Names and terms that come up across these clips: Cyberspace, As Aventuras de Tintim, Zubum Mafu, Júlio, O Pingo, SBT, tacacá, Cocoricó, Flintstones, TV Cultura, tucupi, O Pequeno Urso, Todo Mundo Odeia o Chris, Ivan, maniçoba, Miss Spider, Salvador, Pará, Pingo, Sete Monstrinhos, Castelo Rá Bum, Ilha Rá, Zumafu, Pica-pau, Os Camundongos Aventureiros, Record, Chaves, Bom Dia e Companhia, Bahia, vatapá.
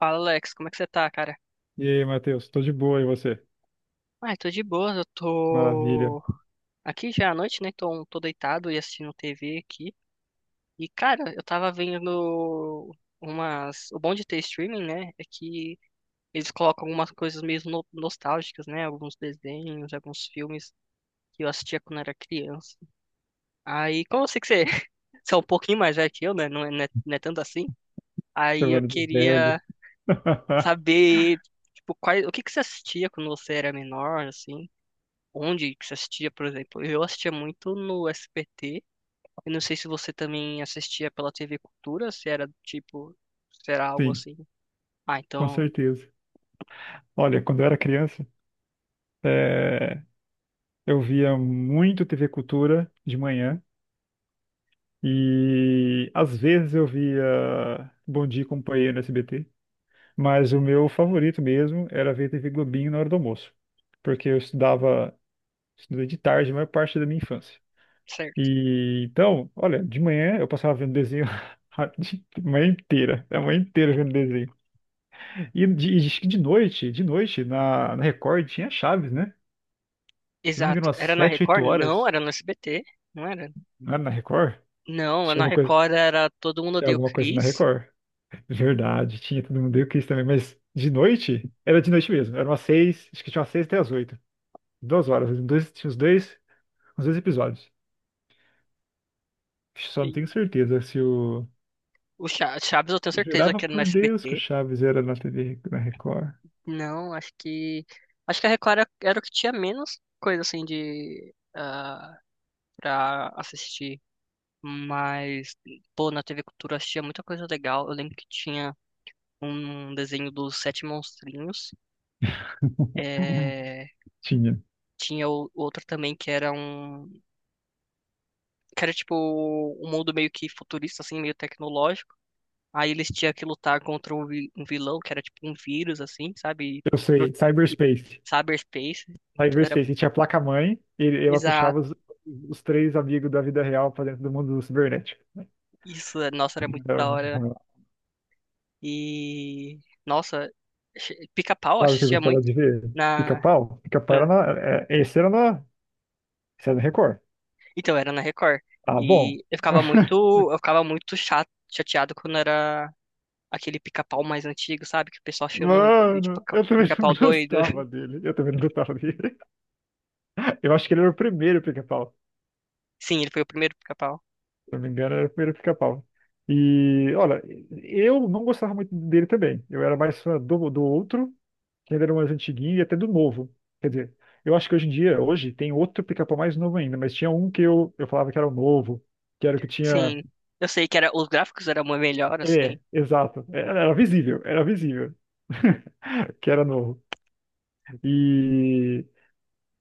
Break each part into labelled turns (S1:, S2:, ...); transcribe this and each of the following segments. S1: Fala, Alex, como é que você tá, cara?
S2: E aí, Matheus, tô de boa, e você?
S1: Ah, eu tô de boa, eu
S2: Maravilha,
S1: tô aqui já à noite, né? Tô, tô deitado e assistindo TV aqui. E, cara, eu tava vendo umas. O bom de ter streaming, né? É que eles colocam algumas coisas meio nostálgicas, né? Alguns desenhos, alguns filmes que eu assistia quando era criança. Aí, como eu sei que você, você é um pouquinho mais velho que eu, né? Não é tanto assim. Aí eu
S2: chamando de
S1: queria
S2: velho.
S1: saber, tipo, o que que você assistia quando você era menor, assim? Onde que você assistia, por exemplo? Eu assistia muito no SBT. Eu não sei se você também assistia pela TV Cultura, se era tipo, se era algo
S2: Sim,
S1: assim. Ah,
S2: com
S1: então,
S2: certeza. Olha, quando eu era criança, eh, eu via muito TV Cultura de manhã e às vezes eu via Bom Dia e Companhia no SBT, mas o meu favorito mesmo era ver TV Globinho na hora do almoço, porque eu estudava, estudei de tarde a maior parte da minha infância.
S1: certo.
S2: E então, olha, de manhã eu passava vendo desenho a manhã inteira vendo desenho. E acho que de noite, na Record tinha Chaves, né? Se não me engano,
S1: Exato.
S2: umas
S1: Era na
S2: 7, 8
S1: Record? Não,
S2: horas,
S1: era no SBT. Não era?
S2: não era na Record?
S1: Não,
S2: Tinha
S1: na
S2: alguma coisa,
S1: Record era Todo Mundo
S2: tinha
S1: Odeia o
S2: alguma coisa na
S1: Chris.
S2: Record. Verdade, tinha todo mundo, eu quis também, mas de noite, era de noite mesmo, era umas 6, acho que tinha umas 6 até as 8, 2 horas, uns dois, tinha uns dois episódios. Só não
S1: E
S2: tenho certeza se o.
S1: o Chaves eu tenho
S2: Eu
S1: certeza
S2: jurava
S1: que era no
S2: por Deus que o
S1: SBT.
S2: Chaves era na TV, na Record.
S1: Não, acho que. Acho que a Record era, era o que tinha menos coisa assim de. Ah, pra assistir. Mas, pô, na TV Cultura eu assistia muita coisa legal. Eu lembro que tinha um desenho dos Sete Monstrinhos. É,
S2: Tinha.
S1: tinha outro também que era um. Que era tipo um mundo meio que futurista, assim, meio tecnológico. Aí eles tinham que lutar contra um um vilão que era tipo um vírus, assim, sabe? E,
S2: Eu
S1: Pro-
S2: sei,
S1: e
S2: Cyberspace.
S1: cyberspace. Muito. Era.
S2: Cyberspace, e tinha a placa-mãe e ela
S1: Exato.
S2: puxava os três amigos da vida real pra dentro do mundo cibernético.
S1: Isso, nossa, era muito da
S2: Então,
S1: hora. E. Nossa, Pica-Pau, eu
S2: sabe o que eu
S1: assistia
S2: gostava
S1: muito.
S2: de ver?
S1: Na.
S2: Pica-pau? Pica-pau era na. É, esse era na. Esse era no Record.
S1: Então, era na Record.
S2: Ah, bom.
S1: E eu ficava muito, chateado quando era aquele pica-pau mais antigo, sabe? Que o pessoal chama ele de
S2: Mano, eu também não
S1: pica-pau doido.
S2: gostava dele. Eu também não gostava dele. Eu acho que ele era o primeiro pica-pau.
S1: Sim, ele foi o primeiro pica-pau.
S2: Se não me engano, era o primeiro pica-pau. E, olha, eu não gostava muito dele também. Eu era mais fã do outro que ainda era mais antiguinho e até do novo. Quer dizer, eu acho que hoje em dia, hoje, tem outro pica-pau mais novo ainda, mas tinha um que eu falava que era o novo, que era o que tinha.
S1: Sim. Eu sei que era, os gráficos eram muito melhor, assim.
S2: É, exato. Era visível, era visível. Que era novo. E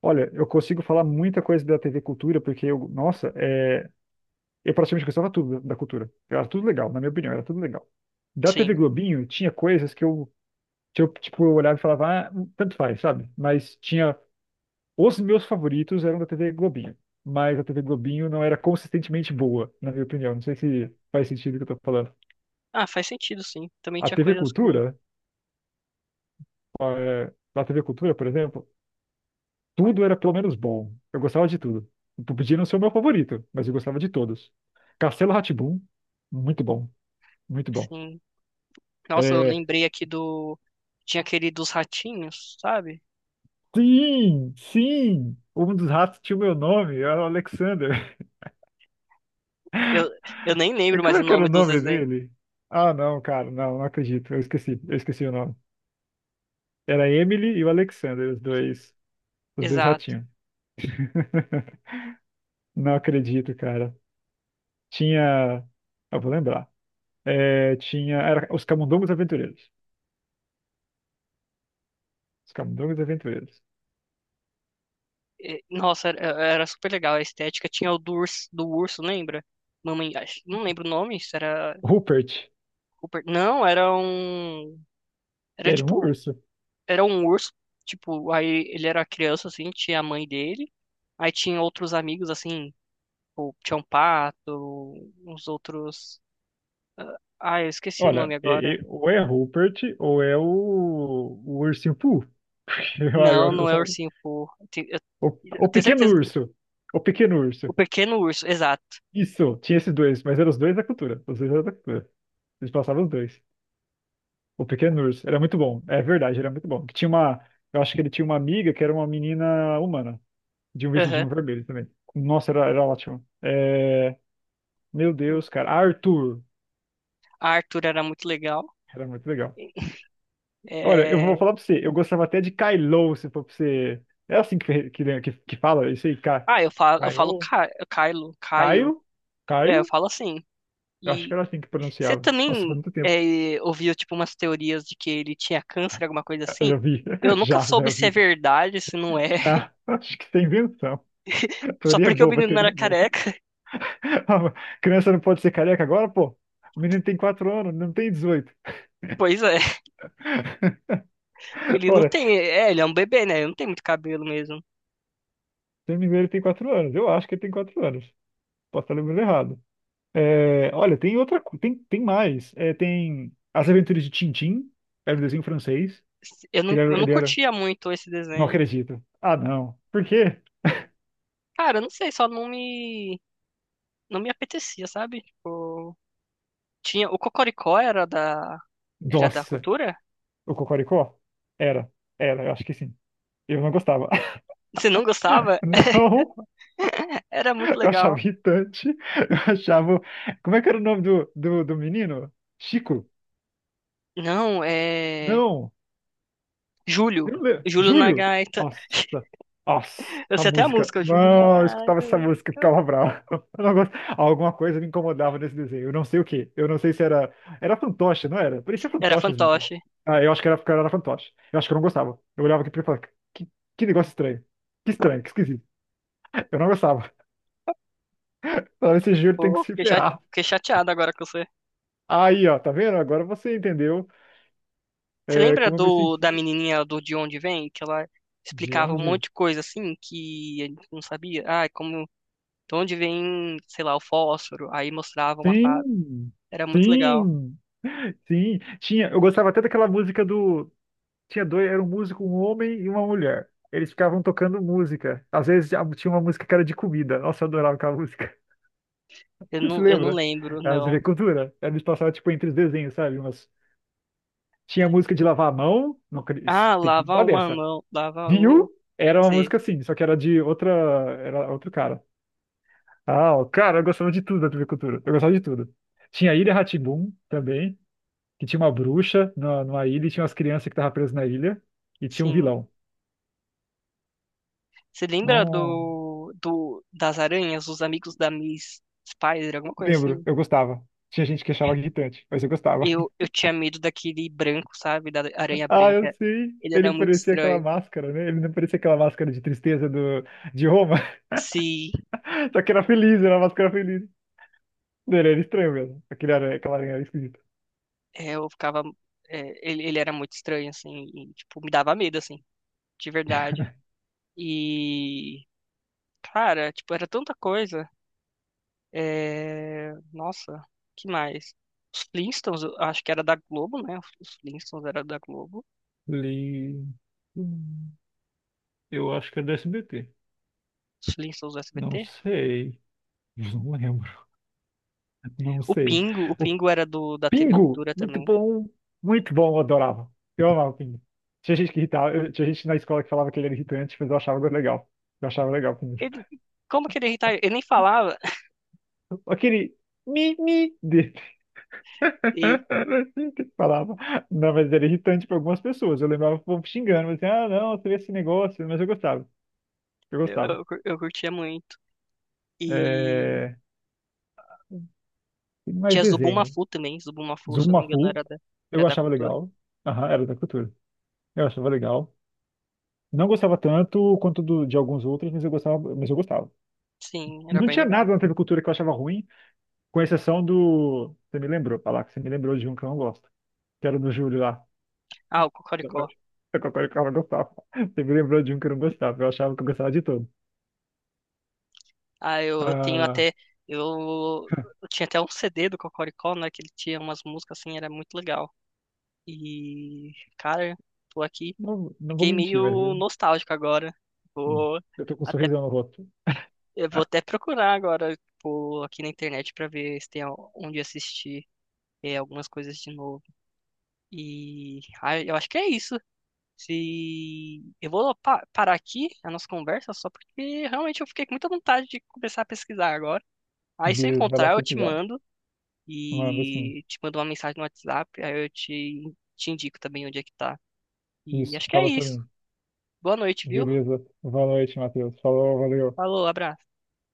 S2: olha, eu consigo falar muita coisa da TV Cultura, porque eu, nossa, eu praticamente gostava tudo da cultura. Era tudo legal, na minha opinião, era tudo legal. Da TV
S1: Sim.
S2: Globinho, tinha coisas que eu tipo, eu olhava e falava, ah, tanto faz, sabe? Mas tinha Os meus favoritos eram da TV Globinho, mas a TV Globinho não era consistentemente boa, na minha opinião. Não sei se faz sentido o que eu tô falando.
S1: Ah, faz sentido, sim. Também
S2: A
S1: tinha
S2: TV
S1: coisas que eu não,
S2: Cultura, na TV Cultura, por exemplo, tudo era pelo menos bom. Eu gostava de tudo. Eu podia não ser o meu favorito, mas eu gostava de todos. Castelo rá muito bom, muito bom.
S1: assim. Nossa, eu
S2: Eh,
S1: lembrei aqui do tinha aquele dos ratinhos, sabe?
S2: sim, sim! Um dos ratos tinha o meu nome, era o Alexander.
S1: Eu, eu nem lembro
S2: Como
S1: mais o
S2: é que era o
S1: nome dos
S2: nome
S1: desenhos.
S2: dele? Ah, não, cara, não, não acredito. Eu esqueci o nome. Era a Emily e o Alexander, os dois
S1: Exato.
S2: ratinhos. Não acredito, cara. Tinha. Eu vou lembrar. É, tinha. Era os Camundongos Aventureiros. Os Camundongos Aventureiros.
S1: É, nossa, era, era super legal a estética. Tinha o do urso, lembra? Mamãe, não lembro o nome, se era
S2: Rupert
S1: Rupert. Não, era um. Era
S2: era um
S1: tipo.
S2: urso.
S1: Era um urso. Tipo, aí ele era criança, assim, tinha a mãe dele. Aí tinha outros amigos, assim, tipo, tinha um pato, uns outros. Ah, eu esqueci o nome
S2: Olha,
S1: agora.
S2: ou é Rupert ou é o ursinho Pooh. Eu,
S1: Não,
S2: eu- eu
S1: não é
S2: só...
S1: ursinho, pô. Eu,
S2: o,
S1: eu
S2: o
S1: tenho
S2: pequeno
S1: certeza.
S2: urso. O pequeno urso.
S1: O pequeno urso, exato.
S2: Isso, tinha esses dois, mas eram os dois da cultura. Os dois eram da cultura. Eles passavam os dois. O Pequeno Urso. Era muito bom. É verdade, era muito bom. Eu acho que ele tinha uma amiga que era uma menina humana, de um
S1: Aham.
S2: vestidinho vermelho também. Nossa, era ótimo. É, meu Deus, cara. Arthur.
S1: Arthur era muito legal.
S2: Era muito legal. Olha, eu vou
S1: É,
S2: falar pra você, eu gostava até de Kylo, se for pra você. É assim que fala isso aí, Ca...
S1: ah, eu falo
S2: Caio?
S1: Kylo, Caio,
S2: Caio?
S1: é, eu
S2: Caio?
S1: falo assim.
S2: Eu acho que
S1: E
S2: era assim que
S1: você
S2: pronunciava. Nossa, faz
S1: também
S2: muito tempo.
S1: é, ouviu, tipo, umas teorias de que ele tinha câncer, alguma coisa
S2: Eu
S1: assim?
S2: já vi.
S1: Eu nunca
S2: Já
S1: soube se é
S2: vi.
S1: verdade, se não é.
S2: Ah, acho que tem invenção.
S1: Só
S2: Teoria
S1: porque o
S2: boba,
S1: menino não era
S2: teoria boba.
S1: careca.
S2: Criança não pode ser careca agora, pô. O menino tem 4 anos, não tem 18.
S1: Pois é, ele não
S2: Ora,
S1: tem.
S2: se
S1: É, ele é um bebê, né? Ele não tem muito cabelo mesmo.
S2: eu não me engano, ele tem 4 anos. Eu acho que ele tem 4 anos. Posso estar lembrando errado. É, olha, tem outra. Tem mais. É, tem As Aventuras de Tintim. Era um desenho francês. Que
S1: Eu não
S2: ele era-
S1: curtia muito esse
S2: Não
S1: desenho.
S2: acredito. Ah, não. Por quê?
S1: Cara, eu não sei, só não me, não me apetecia, sabe? Tipo, tinha, o Cocoricó era da
S2: Nossa.
S1: cultura?
S2: O Cocoricó? Era. Era, eu acho que sim. Eu não gostava.
S1: Você não gostava?
S2: Não.
S1: Era muito
S2: Eu achava
S1: legal.
S2: irritante. Eu achava. Como é que era o nome do menino? Chico?
S1: Não, é.
S2: Não. Eu
S1: Júlio.
S2: não lembro.
S1: Júlio na
S2: Júlio?
S1: gaita.
S2: Nossa. Nossa,
S1: Eu
S2: essa
S1: sei até a
S2: música.
S1: música, Júlio na
S2: Não, eu escutava
S1: gaita.
S2: essa música e ficava bravo. Eu não gosto- Alguma coisa me incomodava nesse desenho. Eu não sei o quê. Eu não sei se era. Era fantoche, não era? Parecia
S1: Era
S2: fantoche, esse menino.
S1: fantoche.
S2: Ah, eu acho que era, porque era fantoche. Eu acho que eu não gostava. Eu olhava aqui pra ele e falava: que, que negócio estranho. Que estranho, que esquisito. Eu não gostava. Falava, esse Júlio tem que
S1: Pô,
S2: se
S1: fiquei
S2: ferrar.
S1: fiquei chateado agora com você.
S2: Aí, ó, tá vendo? Agora você entendeu.
S1: Você
S2: É,
S1: lembra
S2: como eu me
S1: do,
S2: senti?
S1: da menininha do De Onde Vem? Que ela
S2: De
S1: explicava um
S2: onde?
S1: monte de coisa assim que a gente não sabia. Ah, é como. De onde vem, sei lá, o fósforo? Aí mostrava uma fada.
S2: Sim,
S1: Era muito legal.
S2: sim, sim. Tinha, eu gostava até daquela música do. Tinha dois, era um músico, um homem e uma mulher. Eles ficavam tocando música. Às vezes tinha uma música que era de comida. Nossa, eu adorava aquela música. Você se
S1: Eu não
S2: lembra?
S1: lembro,
S2: Era
S1: não.
S2: de cultura. Eles passavam tipo entre os desenhos, sabe? Mas tinha música de lavar a mão. Não,
S1: Ah,
S2: tem que
S1: lava
S2: lembrar
S1: uma
S2: dessa.
S1: mão, lava
S2: Rio
S1: outra.
S2: era uma música assim, só que era de outra, era outro cara. Ah, ó, cara, eu gostava de tudo da TV Cultura. Eu gostava de tudo. Tinha a Ilha rá também, que tinha uma bruxa numa ilha e tinha umas crianças que estavam presas na ilha e tinha um
S1: Sim.
S2: vilão.
S1: Você lembra
S2: Não
S1: do das aranhas, os amigos da Miss Spider, alguma coisa
S2: lembro,
S1: assim?
S2: eu gostava. Tinha gente que achava irritante, mas eu gostava.
S1: Eu, eu tinha medo daquele branco, sabe? Da aranha
S2: Ah, eu
S1: branca.
S2: sei.
S1: Ele era
S2: Ele
S1: muito
S2: parecia aquela
S1: estranho.
S2: máscara, né? Ele não parecia aquela máscara de tristeza de Roma,
S1: Se
S2: só que era feliz, era uma máscara feliz. Ele era estranho mesmo. Aquele aranha, aquela aranha era esquisita.
S1: é, eu ficava. É, ele era muito estranho, assim. E, tipo, me dava medo, assim, de verdade. E. Cara, tipo, era tanta coisa. É, nossa, que mais? Os Flintstones, eu acho que era da Globo, né? Os Flintstones era da Globo.
S2: Li... Hum, Eu acho que é do SBT.
S1: Os Flintstones do
S2: Não
S1: SBT.
S2: sei. Não lembro. Não sei.
S1: O
S2: O
S1: Pingo era do da TV
S2: Pingo,
S1: Cultura também.
S2: muito bom, eu adorava. Eu amava o Pingo. Tinha gente que irritava, tinha gente na escola que falava que ele era irritante, mas eu achava legal. Eu achava legal o Pingo.
S1: Ele, como que ele irritava? Ele nem falava
S2: Aquele mi-mi dele.
S1: e
S2: Era assim que ele falava. Não, mas era irritante para algumas pessoas. Eu lembrava o povo xingando, mas assim, ah, não, você vê esse negócio, mas eu gostava. Eu gostava.
S1: eu curtia muito. E
S2: É... Tem mais
S1: tinha Zubum
S2: desenho.
S1: Mafu também, Zubum Mafu, se eu não me engano,
S2: Zumafu,
S1: era
S2: eu
S1: da
S2: achava
S1: Cultura.
S2: legal. Aham, era da cultura. Eu achava legal. Não gostava tanto quanto de alguns outros, mas eu gostava, mas eu gostava.
S1: Sim, era
S2: Não
S1: bem
S2: tinha
S1: legal.
S2: nada na TV Cultura que eu achava ruim, com exceção do. Você me lembrou, falar que você me lembrou de um que eu não gosto, que era do Júlio lá.
S1: Ah, o
S2: Eu,
S1: Cocoricó.
S2: eu não gostava. Você me lembrou de um que eu não gostava, eu achava que eu gostava de todo.
S1: Ah, eu tenho
S2: Ah,
S1: até, eu, eu tinha até um CD do Cocoricó, né, que ele tinha umas músicas assim, era muito legal. E, cara, tô aqui,
S2: não, não vou
S1: fiquei
S2: mentir, mas
S1: meio
S2: assim,
S1: nostálgico agora. Vou
S2: eu tô com um
S1: até
S2: sorrisão no rosto.
S1: Eu vou até procurar agora, tipo, aqui na internet pra ver se tem onde assistir é, algumas coisas de novo. E ah, eu acho que é isso. Se eu vou parar aqui a nossa conversa só porque realmente eu fiquei com muita vontade de começar a pesquisar agora. Aí se eu
S2: Beleza, vai lá
S1: encontrar, eu te
S2: pesquisar.
S1: mando
S2: Manda assim.
S1: e te mando uma mensagem no WhatsApp, aí eu te indico também onde é que tá. E
S2: Isso,
S1: acho que é
S2: fala pra
S1: isso.
S2: mim.
S1: Boa noite, viu?
S2: Beleza, boa noite, Matheus. Falou, valeu.
S1: Falou, abraço.